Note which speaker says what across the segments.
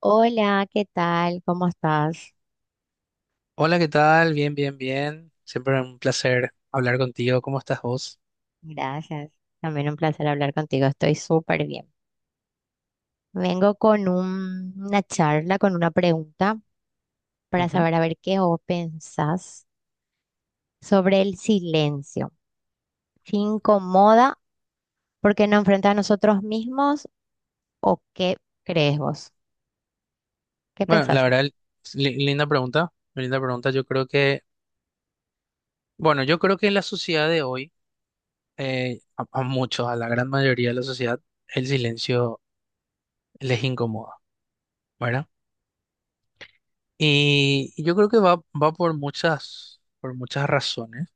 Speaker 1: Hola, ¿qué tal? ¿Cómo estás?
Speaker 2: Hola, ¿qué tal? Bien, bien, bien. Siempre un placer hablar contigo. ¿Cómo estás vos?
Speaker 1: Gracias. También un placer hablar contigo. Estoy súper bien. Vengo con una charla, con una pregunta para
Speaker 2: Ujú.
Speaker 1: saber a ver qué vos pensás sobre el silencio. ¿Se incomoda porque nos enfrenta a nosotros mismos o qué crees vos? ¿Qué
Speaker 2: Bueno, la
Speaker 1: pensás?
Speaker 2: verdad, linda pregunta. Linda pregunta. Yo creo que en la sociedad de hoy, a muchos, a la gran mayoría de la sociedad, el silencio les incomoda, ¿verdad? Y yo creo que va por muchas razones,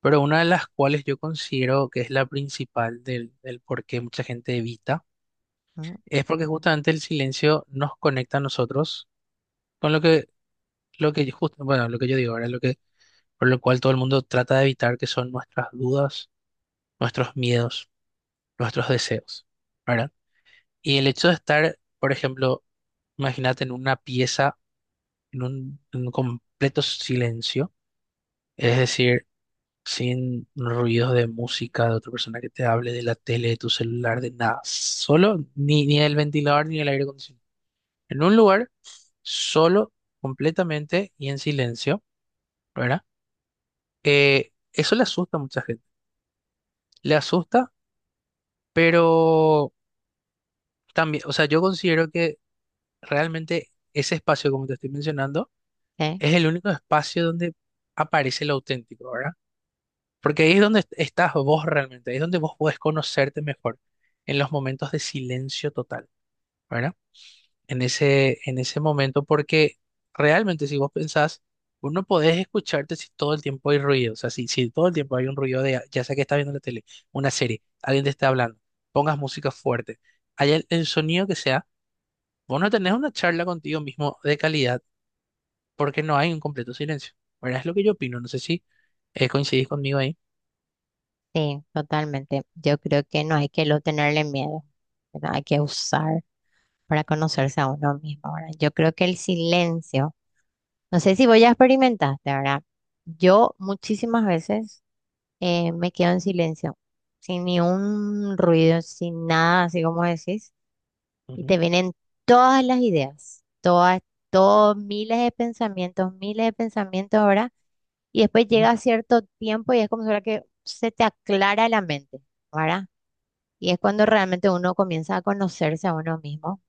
Speaker 2: pero una de las cuales yo considero que es la principal del por qué mucha gente evita,
Speaker 1: Mm,
Speaker 2: es porque justamente el silencio nos conecta a nosotros con lo que yo digo ahora, por lo cual todo el mundo trata de evitar, que son nuestras dudas, nuestros miedos, nuestros deseos, ¿verdad? Y el hecho de estar, por ejemplo, imagínate en una pieza, en un completo silencio, es decir, sin ruidos de música, de otra persona que te hable, de la tele, de tu celular, de nada, solo, ni el ventilador, ni el aire acondicionado. En un lugar solo, completamente y en silencio, ¿verdad? Eso le asusta a mucha gente. Le asusta, pero también, o sea, yo considero que realmente ese espacio, como te estoy mencionando,
Speaker 1: ¿eh?
Speaker 2: es el único espacio donde aparece lo auténtico, ¿verdad? Porque ahí es donde estás vos realmente, ahí es donde vos podés conocerte mejor, en los momentos de silencio total, ¿verdad? en ese momento, porque realmente si vos pensás, vos no podés escucharte si todo el tiempo hay ruido, o sea, si todo el tiempo hay un ruido de, ya sea que estás viendo la tele, una serie, alguien te está hablando, pongas música fuerte, haya el sonido que sea, vos no tenés una charla contigo mismo de calidad porque no hay un completo silencio. Bueno, es lo que yo opino, no sé si ¿coincidís conmigo ahí?
Speaker 1: Sí, totalmente. Yo creo que no hay que lo tenerle miedo, ¿verdad? Hay que usar para conocerse a uno mismo. Ahora, yo creo que el silencio. No sé si vos ya experimentaste, ¿verdad? Yo muchísimas veces me quedo en silencio, sin ni un ruido, sin nada, así como decís, y
Speaker 2: Ujú,
Speaker 1: te vienen todas las ideas, todas, todos miles de pensamientos, ¿verdad? Y después
Speaker 2: ujú.
Speaker 1: llega cierto tiempo y es como si fuera que se te aclara la mente, ¿verdad? Y es cuando realmente uno comienza a conocerse a uno mismo,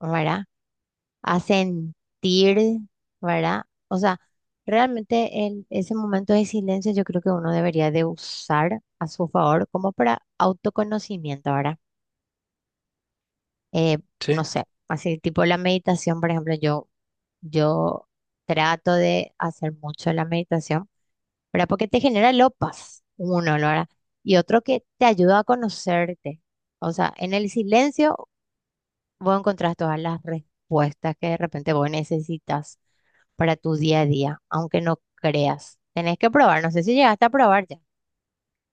Speaker 1: ¿verdad? A sentir, ¿verdad? O sea, realmente ese momento de silencio yo creo que uno debería de usar a su favor como para autoconocimiento, ¿verdad? Eh, no
Speaker 2: Sí.
Speaker 1: sé, así tipo la meditación, por ejemplo, yo trato de hacer mucho la meditación, ¿verdad? Porque te genera lo paz, uno, ¿no? ¿Verdad? Y otro que te ayuda a conocerte. O sea, en el silencio vos encontrás todas las respuestas que de repente vos necesitas para tu día a día, aunque no creas. Tenés que probar, no sé si llegaste a probar ya,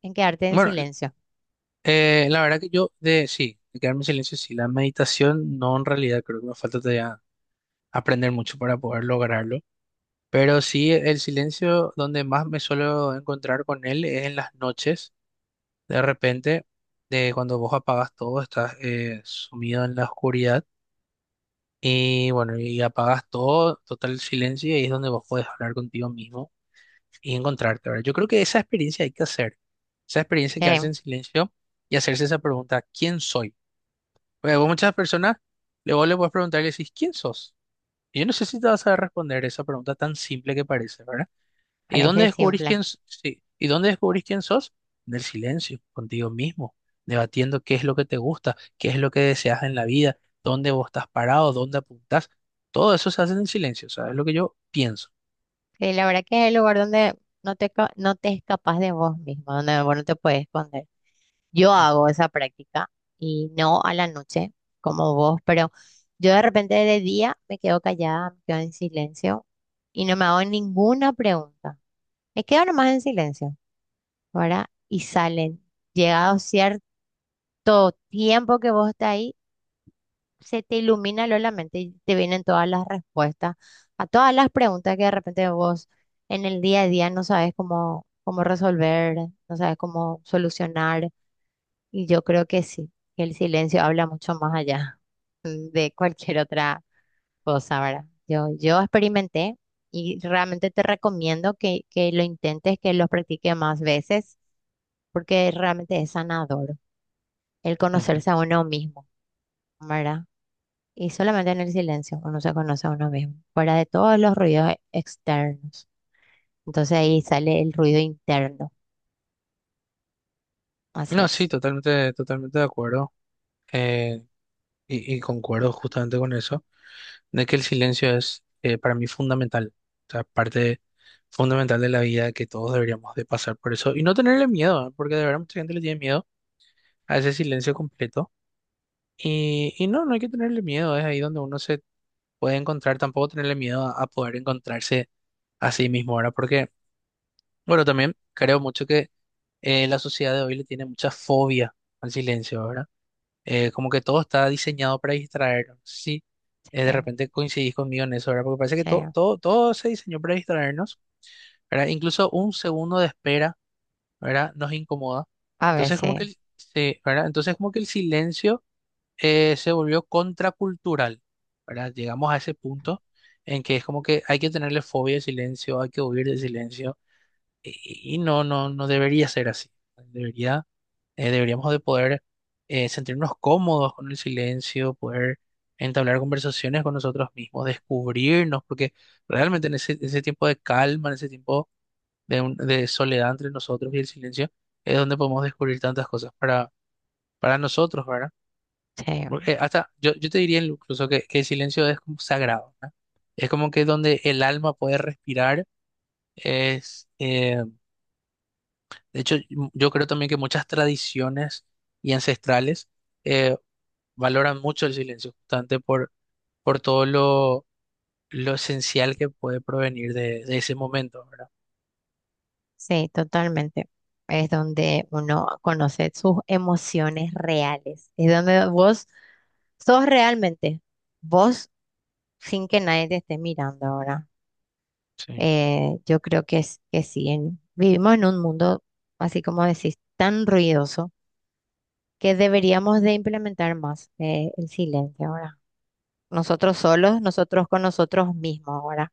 Speaker 1: en quedarte en
Speaker 2: Bueno,
Speaker 1: silencio.
Speaker 2: la verdad que yo de sí, de quedarme en silencio, sí, la meditación no en realidad creo que me falta todavía aprender mucho para poder lograrlo. Pero sí, el silencio donde más me suelo encontrar con él es en las noches. De repente, de cuando vos apagas todo, estás sumido en la oscuridad y bueno, y apagas todo, total silencio y ahí es donde vos podés hablar contigo mismo y encontrarte, ¿verdad? Yo creo que esa experiencia hay que hacer. Esa experiencia de
Speaker 1: Eh,
Speaker 2: quedarse en silencio y hacerse esa pregunta, ¿quién soy? Porque vos muchas personas, luego le puedes preguntar y le decís, ¿quién sos? Y yo no sé si te vas a responder esa pregunta tan simple que parece, ¿verdad? ¿Y dónde
Speaker 1: parece
Speaker 2: descubrís
Speaker 1: simple.
Speaker 2: quién, s- sí, ¿y dónde descubrís quién sos? En el silencio, contigo mismo, debatiendo qué es lo que te gusta, qué es lo que deseas en la vida, dónde vos estás parado, dónde apuntás. Todo eso se hace en el silencio, ¿sabes? Es lo que yo pienso.
Speaker 1: Sí, la verdad que es el lugar donde no te escapas de vos mismo, donde vos no te puedes esconder. Yo hago esa práctica y no a la noche como vos, pero yo de repente de día me quedo callada, me quedo en silencio y no me hago ninguna pregunta. Me quedo nomás en silencio, ¿verdad? Y salen, llegado cierto tiempo que vos estás ahí, se te ilumina lo la mente y te vienen todas las respuestas a todas las preguntas que de repente vos en el día a día no sabes cómo, cómo resolver, no sabes cómo solucionar. Y yo creo que sí, que el silencio habla mucho más allá de cualquier otra cosa, ¿verdad? Yo experimenté y realmente te recomiendo que lo intentes, que lo practiques más veces, porque realmente es sanador el
Speaker 2: Ujú.
Speaker 1: conocerse a uno mismo, ¿verdad? Y solamente en el silencio uno se conoce a uno mismo, fuera de todos los ruidos externos. Entonces ahí sale el ruido interno. Así
Speaker 2: No, sí,
Speaker 1: es.
Speaker 2: totalmente, totalmente de acuerdo. eh, y concuerdo justamente con eso, de que el silencio es para mí fundamental, o sea, parte fundamental de la vida que todos deberíamos de pasar por eso y no tenerle miedo, ¿eh? Porque de verdad mucha gente le tiene miedo a ese silencio completo y no, no hay que tenerle miedo, es ahí donde uno se puede encontrar, tampoco tenerle miedo a poder encontrarse a sí mismo ahora, porque bueno, también creo mucho que la sociedad de hoy le tiene mucha fobia al silencio, ¿verdad? Como que todo está diseñado para distraernos. Sí, de
Speaker 1: Sí,
Speaker 2: repente coincidís conmigo en eso, ¿verdad? Porque parece que todo,
Speaker 1: sí.
Speaker 2: todo, todo se diseñó para distraernos, ¿verdad? Incluso un segundo de espera, ¿verdad? Nos incomoda.
Speaker 1: A
Speaker 2: Entonces, como que
Speaker 1: veces,
Speaker 2: el, sí, ¿verdad? Entonces, como que el silencio se volvió contracultural, ¿verdad? Llegamos a ese punto en que es como que hay que tenerle fobia al silencio, hay que huir del silencio y no, no, no debería ser así. Debería, deberíamos de poder sentirnos cómodos con el silencio, poder entablar conversaciones con nosotros mismos, descubrirnos, porque realmente en ese tiempo de calma, en ese tiempo de soledad entre nosotros y el silencio, es donde podemos descubrir tantas cosas para nosotros, ¿verdad?
Speaker 1: sí, sí,
Speaker 2: Porque hasta yo te diría incluso que el silencio es como sagrado, ¿verdad? Es como que donde el alma puede respirar, es... eh, De hecho, yo creo también que muchas tradiciones y ancestrales eh, valoran mucho el silencio, justamente por todo lo esencial que puede provenir de ese momento, ¿verdad?
Speaker 1: sí, totalmente. Es donde uno conoce sus emociones reales. Es donde vos sos realmente vos sin que nadie te esté mirando ahora.
Speaker 2: Sí,
Speaker 1: Yo creo que, que sí, vivimos en un mundo, así como decís, tan ruidoso que deberíamos de implementar más el silencio ahora. Nosotros solos, nosotros con nosotros mismos ahora.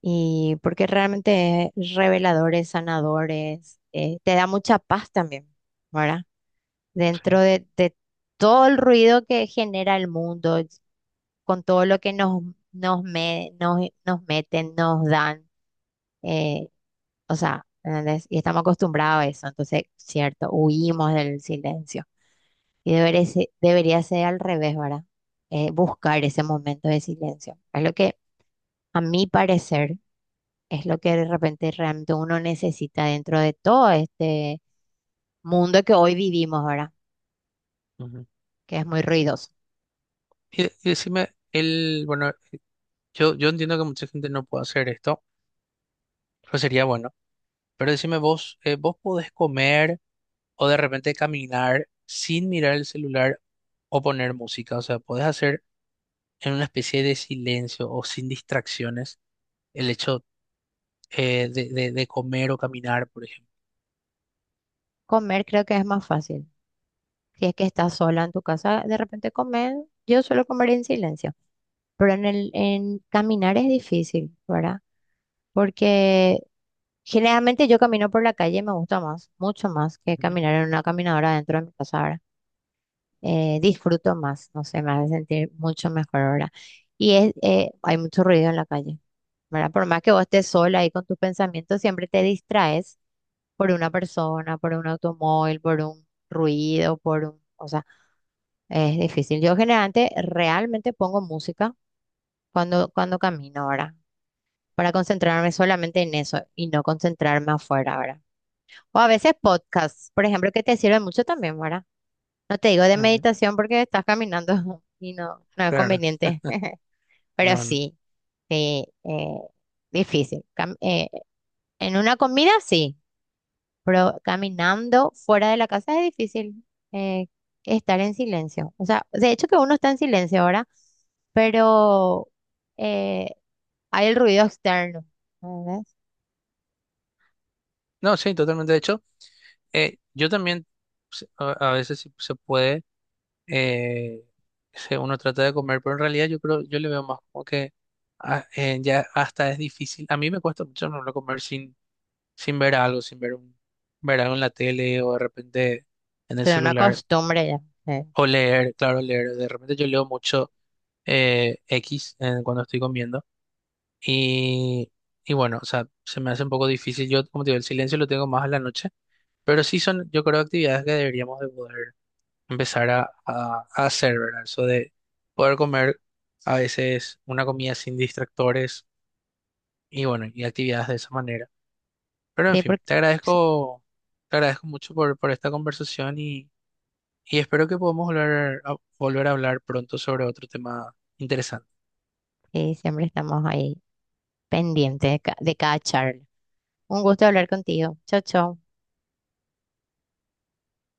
Speaker 1: Y porque realmente es revelador, es sanador, es, te da mucha paz también, ¿verdad? Dentro
Speaker 2: sí.
Speaker 1: de, de todo el ruido que genera el mundo, con todo lo que nos, me- nos, nos meten, nos dan, eh, o sea, ¿entendés? Y estamos acostumbrados a eso, entonces, cierto, huimos del silencio. Y debería ser al revés, ¿verdad? Buscar ese momento de silencio. Es lo que, a mi parecer, es lo que de repente realmente uno necesita dentro de todo este mundo que hoy vivimos, ¿verdad?
Speaker 2: Ujú.
Speaker 1: Que es muy ruidoso.
Speaker 2: Y decime, bueno, yo entiendo que mucha gente no puede hacer esto, pero sería bueno. Pero decime vos, ¿vos podés comer o de repente caminar sin mirar el celular o poner música? O sea, ¿podés hacer en una especie de silencio o sin distracciones el hecho de comer o caminar, por ejemplo.
Speaker 1: Comer creo que es más fácil. Si es que estás sola en tu casa, de repente comer, yo suelo comer en silencio, pero en caminar es difícil, ¿verdad? Porque generalmente yo camino por la calle y me gusta más, mucho más que
Speaker 2: Ujú,
Speaker 1: caminar en una caminadora dentro de mi casa, ¿verdad? Disfruto más, no sé, me hace sentir mucho mejor ahora. Y es, hay mucho ruido en la calle, ¿verdad? Por más que vos estés sola ahí con tus pensamientos, siempre te distraes por una persona, por un automóvil, por un ruido, por un... O sea, es difícil. Yo generalmente realmente pongo música cuando camino ahora, para concentrarme solamente en eso y no concentrarme afuera ahora. O a veces podcasts, por ejemplo, que te sirven mucho también, ¿verdad? No te digo de
Speaker 2: ujú.
Speaker 1: meditación porque estás caminando y no, no es
Speaker 2: Claro,
Speaker 1: conveniente, pero
Speaker 2: no, no,
Speaker 1: sí, sí, difícil. En una comida sí, pero caminando fuera de la casa es difícil eh, estar en silencio. O sea, de hecho que uno está en silencio ahora, pero eh, hay el ruido externo, ¿entendés?
Speaker 2: no, sí, totalmente. De hecho, yo también a veces si se puede, eh, uno trata de comer, pero en realidad yo le veo más como que ya hasta es difícil. A mí me cuesta mucho no comer sin ver algo, sin ver algo en la tele o de repente en el
Speaker 1: Entonces, es una
Speaker 2: celular
Speaker 1: costumbre ya. Eh.
Speaker 2: o leer, claro, leer. De repente yo leo mucho X cuando estoy comiendo. Y, y bueno, o sea, se me hace un poco difícil. Yo, como te digo, el silencio lo tengo más a la noche, pero sí son, yo creo, actividades que deberíamos de poder empezar a hacer, ¿verdad? Eso de poder comer a veces una comida sin distractores y bueno, y actividades de esa manera. Pero en
Speaker 1: Sí,
Speaker 2: fin,
Speaker 1: porque
Speaker 2: te
Speaker 1: sí,
Speaker 2: agradezco, te agradezco mucho por esta conversación y espero que podamos volver a hablar pronto sobre otro tema interesante.
Speaker 1: sí, siempre estamos ahí pendientes de de cada charla. Un gusto hablar contigo. Chao, chao.